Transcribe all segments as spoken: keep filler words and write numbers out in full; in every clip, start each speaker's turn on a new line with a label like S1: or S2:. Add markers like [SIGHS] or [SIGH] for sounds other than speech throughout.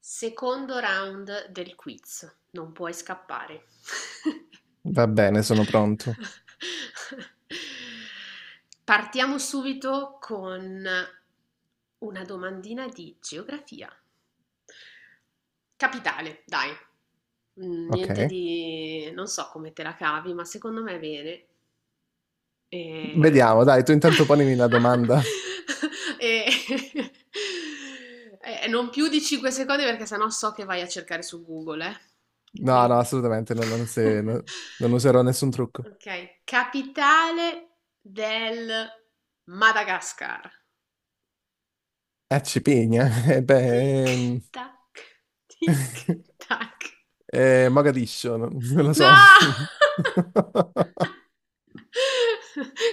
S1: Secondo round del quiz, non puoi scappare.
S2: Va bene, sono pronto.
S1: [LAUGHS] Partiamo subito con una domandina di geografia. Capitale, dai. Mm, niente
S2: Ok.
S1: di... non so come te la cavi, ma secondo me è bene.
S2: Vediamo,
S1: Ehm,
S2: dai, tu intanto ponimi la domanda.
S1: [LAUGHS] e [LAUGHS] e non più di cinque secondi perché sennò so che vai a cercare su Google, eh.
S2: No, no,
S1: Quindi.
S2: assolutamente, non, non
S1: [LAUGHS]
S2: se- no- non userò nessun trucco.
S1: Ok, capitale del Madagascar.
S2: Eh, Cipigna, [LAUGHS] eh,
S1: Tic
S2: beh, ehm,
S1: tac, tic
S2: [LAUGHS]
S1: tac.
S2: eh, Mogadiscio, non, non lo
S1: No!
S2: so. [LAUGHS]
S1: [LAUGHS]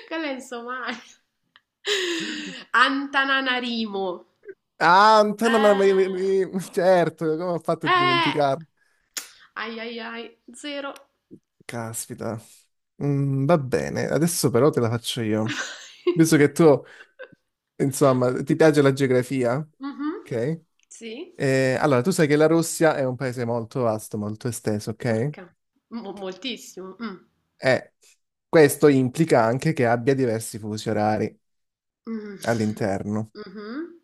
S1: Quella è in Somalia. Antananarimo.
S2: Ah, Antonio, ma- ma-
S1: Eh,
S2: ma- certo, come ho fatto a
S1: eh,
S2: dimenticarlo?
S1: ai ai ai, zero.
S2: Caspita. Mm, va bene, adesso però te la faccio io. Visto che tu,
S1: [LAUGHS]
S2: insomma, ti piace la geografia,
S1: Mhm.
S2: ok?
S1: Sì,
S2: Eh, allora, tu sai che la Russia è un paese molto vasto, molto esteso, ok?
S1: porca, mo- moltissimo. Mm.
S2: E questo implica anche che abbia diversi fusi orari
S1: Mm.
S2: all'interno.
S1: Mhm.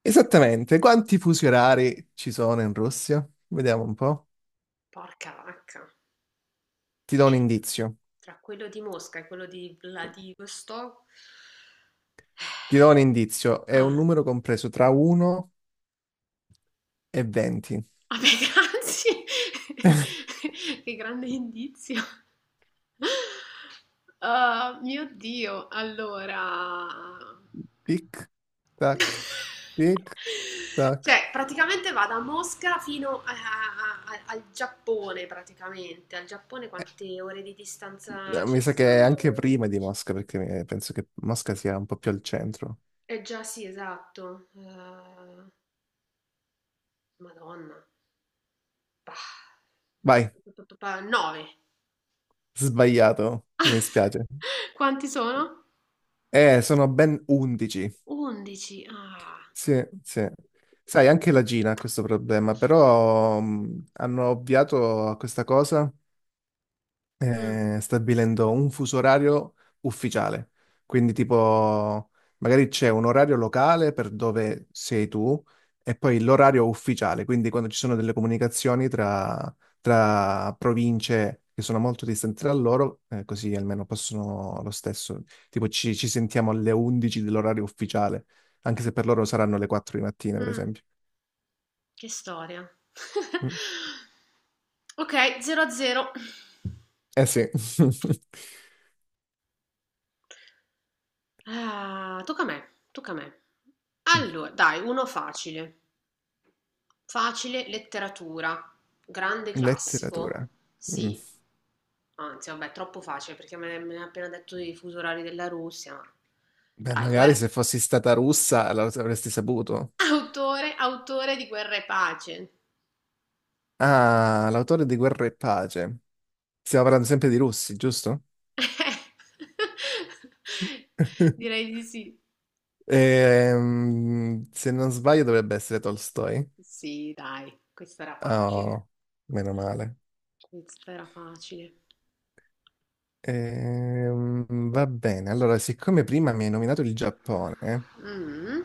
S2: Esattamente, quanti fusi orari ci sono in Russia? Vediamo un po'.
S1: Porca vacca.
S2: Ti do un
S1: E
S2: indizio.
S1: tra quello di Mosca e quello di Vladivostok,
S2: Ti do un indizio. È un
S1: ah.
S2: numero compreso tra uno e venti.
S1: Ah beh, grazie.
S2: [LAUGHS]
S1: [LAUGHS] Che grande indizio. Ah, mio Dio, allora...
S2: Tic, tac,
S1: [LAUGHS]
S2: tic, tac.
S1: Cioè, praticamente va da Mosca fino a- a- a- al Giappone, praticamente. Al Giappone quante ore di distanza
S2: Eh,
S1: ci
S2: Mi sa che è anche
S1: sono?
S2: prima di Mosca, perché eh, penso che Mosca sia un po' più al centro.
S1: Eh già sì, esatto. Eh, Madonna. Bah.
S2: Vai,
S1: nove.
S2: sbagliato, mi dispiace.
S1: Quanti sono?
S2: Eh, sono ben undici.
S1: undici. Ah.
S2: Sì, sì. Sai, anche la Gina ha questo problema, però mh, hanno ovviato a questa cosa
S1: Mh,
S2: eh, stabilendo un fuso orario ufficiale. Quindi, tipo, magari c'è un orario locale per dove sei tu e poi l'orario ufficiale. Quindi, quando ci sono delle comunicazioni tra, tra province che sono molto distanti tra loro, eh, così almeno possono lo stesso. Tipo, ci, ci sentiamo alle undici dell'orario ufficiale, anche se per loro saranno le quattro di mattina, per
S1: mh,
S2: esempio.
S1: che storia.
S2: Mm.
S1: [LAUGHS] Okay, zero a zero.
S2: Eh sì. [LAUGHS]
S1: Ah, tocca a me, tocca a me. Allo dai, uno facile. Facile, letteratura, grande classico.
S2: Letteratura. Mm.
S1: Sì, anzi vabbè, troppo facile perché me me ne ha appena detto i fusi orari della Russia, ma
S2: Beh,
S1: dai,
S2: magari
S1: guer
S2: se fossi stata russa la- avresti saputo.
S1: [LAUGHS] autore autore di Guerra e pace.
S2: Ah, l'autore di Guerra e Pace. Stiamo parlando sempre di russi, giusto?
S1: [LAUGHS]
S2: [LAUGHS]
S1: Direi di sì.
S2: Ehm, se non sbaglio dovrebbe essere Tolstoi.
S1: Sì, dai, questa era facile.
S2: Oh, meno male.
S1: Questa era facile.
S2: Ehm, Va bene, allora, siccome prima mi hai nominato il Giappone,
S1: Mm.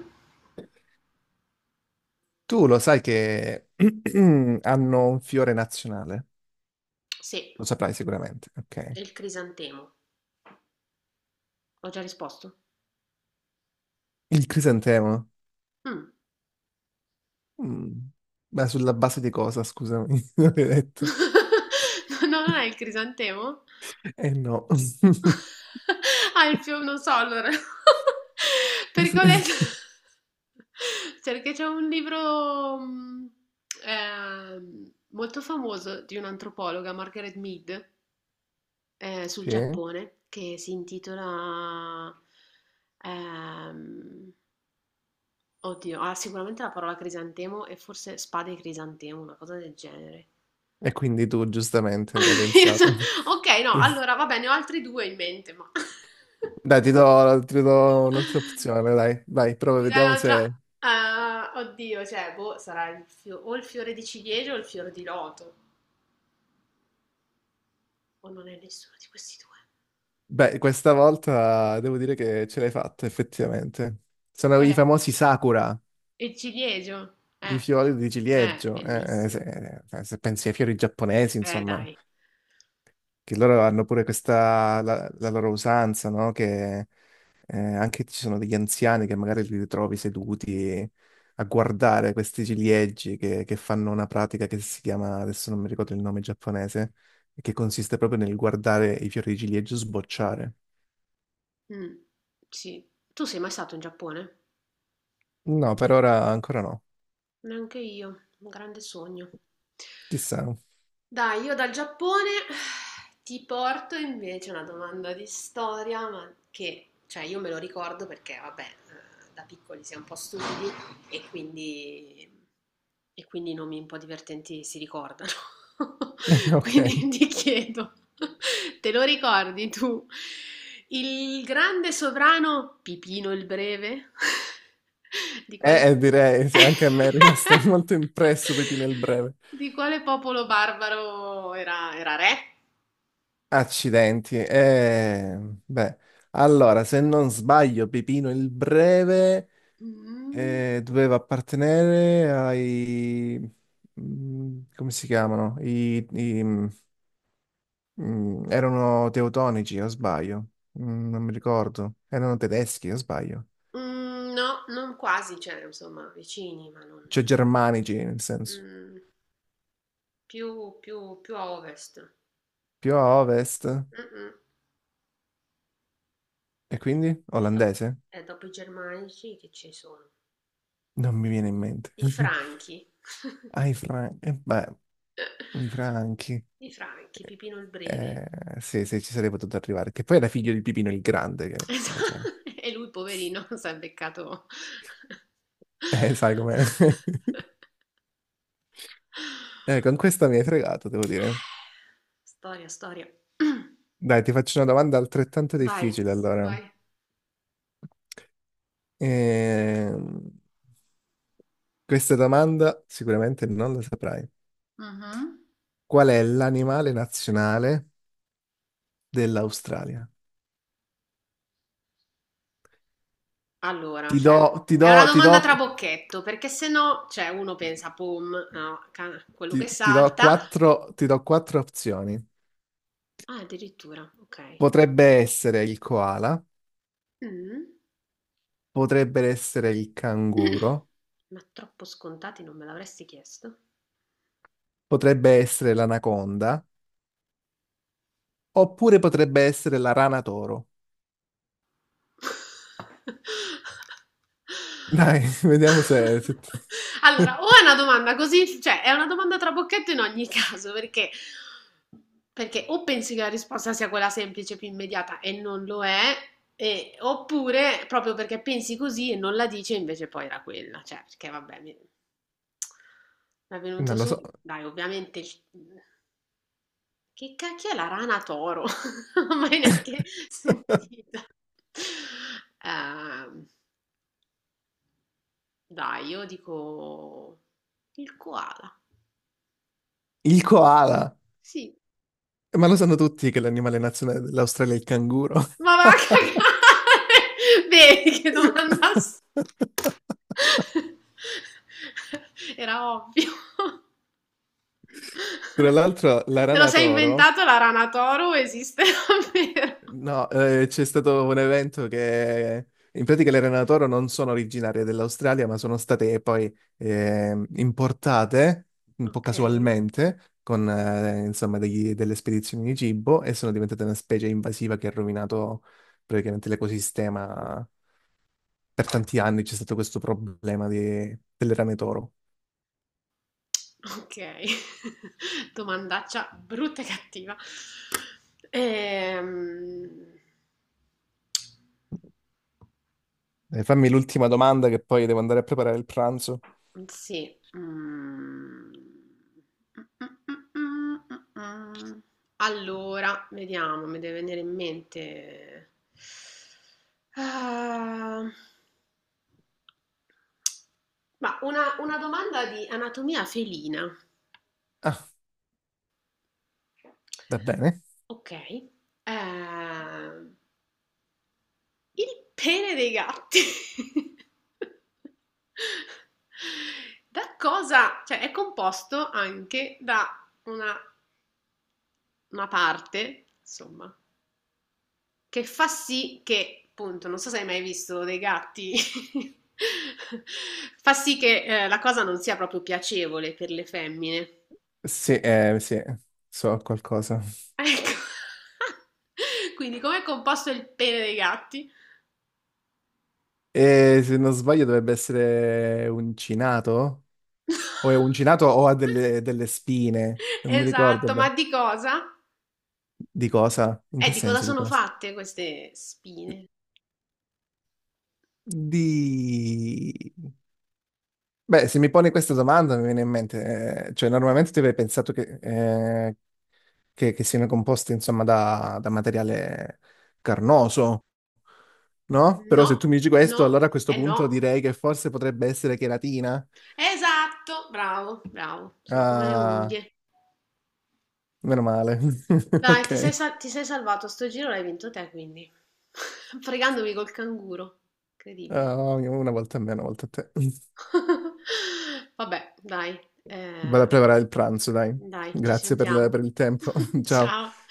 S2: tu lo sai che [CLEARS THROAT] hanno un fiore nazionale?
S1: Sì,
S2: Lo saprai sicuramente, ok.
S1: è il crisantemo. Ho già risposto.
S2: Il crisantemo.
S1: Mm.
S2: Mm. Ma sulla base di cosa, scusami, [LAUGHS] non hai detto?
S1: [LAUGHS] No, non è il crisantemo?
S2: Eh no. [LAUGHS]
S1: [LAUGHS] Ah, il fiume, non so allora. [LAUGHS] Perché ho letto... Cioè, [LAUGHS] perché c'è un libro mm, ehm, molto famoso di un'antropologa, Margaret Mead, ehm, sul
S2: Sì.
S1: Giappone che si intitola, ehm, oddio, ha sicuramente la parola crisantemo e forse spade e crisantemo, una cosa del genere.
S2: E quindi tu giustamente avrai pensato.
S1: [LAUGHS] Ok, no,
S2: Sì.
S1: allora va bene, ho altri due in mente, ma...
S2: Dai, ti do, ti do un'altra opzione,
S1: [LAUGHS]
S2: dai, vai, prova,
S1: Mi dai
S2: vediamo
S1: un'altra...
S2: se...
S1: Ah, oddio, cioè, boh, sarà il fio- o il fiore di ciliegio o il fiore di loto. O non è nessuno di questi due.
S2: Beh, questa volta devo dire che ce l'hai fatta, effettivamente. Sono
S1: Qual
S2: i
S1: è?
S2: famosi Sakura,
S1: Il ciliegio?
S2: i
S1: Eh,
S2: fiori di
S1: eh,
S2: ciliegio. Eh, eh,
S1: bellissimo.
S2: se, eh, se pensi ai fiori giapponesi,
S1: Eh,
S2: insomma,
S1: dai.
S2: che loro hanno pure questa, la, la loro usanza, no? Che eh, anche ci sono degli anziani che magari li ritrovi seduti a guardare questi ciliegi che, che fanno una pratica che si chiama, adesso non mi ricordo il nome giapponese, e che consiste proprio nel guardare i fiori di ciliegio sbocciare.
S1: Mh, sì. Tu sei mai stato in Giappone?
S2: No, per ora ancora no.
S1: Neanche io, un grande sogno.
S2: Chissà. [LAUGHS]
S1: Dai, io dal Giappone [SIGHS] ti porto invece una domanda di storia, ma che, cioè, io me lo ricordo perché, vabbè, eh, da piccoli si è un po' stupidi, e quindi, e quindi i nomi un po' divertenti si ricordano. [LAUGHS]
S2: Ok.
S1: Quindi ti chiedo, te lo ricordi tu? Il grande sovrano Pipino il Breve? [LAUGHS] Di quale...
S2: Eh, eh, direi,
S1: [LAUGHS]
S2: sì, anche a me è rimasto [LAUGHS] molto impresso Pipino il Breve.
S1: Di quale popolo barbaro era, era re?
S2: Accidenti. Eh, beh, allora, se non sbaglio, Pipino il Breve
S1: Mm,
S2: eh, doveva appartenere ai... Mm, come si chiamano? I, i- mm, erano teutonici, o sbaglio? Mm, non mi ricordo. Erano tedeschi, o sbaglio?
S1: mm, no, non quasi, cioè, insomma, vicini, ma non...
S2: Cioè germanici, nel senso.
S1: mm, più, più, più a ovest.
S2: Più a ovest.
S1: Mh-mh.
S2: E
S1: E
S2: quindi?
S1: e dop
S2: Olandese?
S1: e dopo i germanici che ci sono?
S2: Non mi viene
S1: I
S2: in mente.
S1: i
S2: [LAUGHS]
S1: franchi, [LAUGHS]
S2: Ai Franchi. Beh, i Franchi.
S1: i franchi, Pipino il Breve.
S2: Eh, sì, sì, ci sarei potuto arrivare. Che poi era figlio di Pipino il Grande,
S1: [LAUGHS]
S2: che
S1: Esa
S2: invece...
S1: e lui poverino [LAUGHS] s'è beccato
S2: Eh, sai com'è. [LAUGHS] Eh, con questa mi hai fregato, devo dire.
S1: storia, storia. [CLEARS THROAT]
S2: Dai, ti faccio una domanda altrettanto
S1: Vai.
S2: difficile, allora.
S1: Vai.
S2: Ehm, Questa domanda sicuramente non la saprai.
S1: Mh-mh.
S2: Qual è l'animale nazionale dell'Australia?
S1: Allora,
S2: Ti do,
S1: cioè
S2: ti
S1: è
S2: do,
S1: una
S2: ti do,
S1: domanda trabocchetto, perché se no, cioè uno pensa: "Pom", no, ca quello che
S2: ti, ti do
S1: salta.
S2: quattro, ti do quattro opzioni.
S1: Ah, addirittura, okay.
S2: Potrebbe essere il koala,
S1: Mh.
S2: potrebbe essere il canguro,
S1: [CLEARS THROAT] Ma troppo scontati non me l'avresti chiesto?
S2: potrebbe essere l'anaconda, oppure potrebbe essere la rana toro.
S1: [LAUGHS]
S2: Dai, [LAUGHS] vediamo se... se ti-
S1: Allora, o è
S2: [LAUGHS]
S1: una domanda così, cioè è una domanda trabocchetto in ogni caso, perché, perché o pensi che la risposta sia quella semplice, più immediata e non lo è, e- oppure proprio perché pensi così e non la dici e invece poi era quella, cioè perché vabbè, mi, mi è venuto
S2: Non lo so.
S1: subito, dai, ovviamente il- Che cacchio è la rana toro? [LAUGHS] Non l'ho mai neanche
S2: [LAUGHS]
S1: sentita. Ehm, dai, io dico il koala.
S2: Il koala.
S1: Sì.
S2: Ma lo sanno tutti che l'animale nazionale dell'Australia è il canguro.
S1: Ma va a
S2: [LAUGHS]
S1: cagare! [LAUGHS] Vedi che domanda... s- [LAUGHS] Era ovvio.
S2: Tra l'altro, la
S1: [LAUGHS] Te lo
S2: rana
S1: sei
S2: toro...
S1: inventato la rana toro? Esiste davvero? [LAUGHS]
S2: No, eh, c'è stato un evento che in pratica le rane da toro non sono originarie dell'Australia, ma sono state poi eh, importate un po'
S1: Ok.
S2: casualmente con eh, insomma degli- delle spedizioni di cibo e sono diventate una specie invasiva che ha rovinato praticamente l'ecosistema. Per tanti anni c'è stato questo problema di- delle rane toro.
S1: Okay, [LAUGHS] domandaccia brutta e cattiva. Ehm,
S2: Eh, fammi l'ultima domanda che poi devo andare a preparare il pranzo.
S1: sì, mhmm, allora, vediamo, mi deve venire in mente. Ah, ma una, una domanda di anatomia felina.
S2: Ah, va bene.
S1: Ok, ehm, il pene dei gatti. [LAUGHS] Da cosa? Cioè, è composto anche da una, una parte, insomma, che fa sì che, appunto, non so se hai mai visto dei gatti, [LAUGHS] fa sì che eh, la cosa non sia proprio piacevole per le femmine.
S2: Sì, eh, sì, so qualcosa.
S1: Ecco. [LAUGHS] Quindi, com'è composto il pene dei gatti?
S2: E se non sbaglio dovrebbe essere uncinato? O è
S1: [LAUGHS]
S2: uncinato o ha delle, delle spine? Non mi ricordo
S1: Esatto, ma
S2: bene.
S1: di cosa?
S2: Di cosa? In
S1: Eh,
S2: che
S1: di cosa
S2: senso di
S1: sono
S2: cosa?
S1: fatte queste spine?
S2: Di... Beh, se mi pone questa domanda mi viene in mente, eh, cioè normalmente ti avrei pensato che, eh, che, che siano composte insomma da, da materiale carnoso, no? Però
S1: No,
S2: se tu mi dici
S1: no,
S2: questo, allora a questo
S1: eh no.
S2: punto direi che forse potrebbe essere cheratina.
S1: Esatto, bravo, bravo. Sono come le
S2: Ah,
S1: unghie.
S2: meno male. [LAUGHS]
S1: Dai, ti sei,
S2: Ok.
S1: sal- ti sei salvato. Sto giro l'hai vinto te, quindi. [LAUGHS] Fregandomi col canguro. Incredibile.
S2: Ah, una volta a me, una volta a te. [LAUGHS]
S1: [LAUGHS] Vabbè, dai.
S2: Vado a
S1: Eh,
S2: preparare il pranzo, dai.
S1: dai, ci
S2: Grazie per, la-
S1: sentiamo.
S2: per il tempo. [LAUGHS]
S1: [LAUGHS]
S2: Ciao.
S1: Ciao.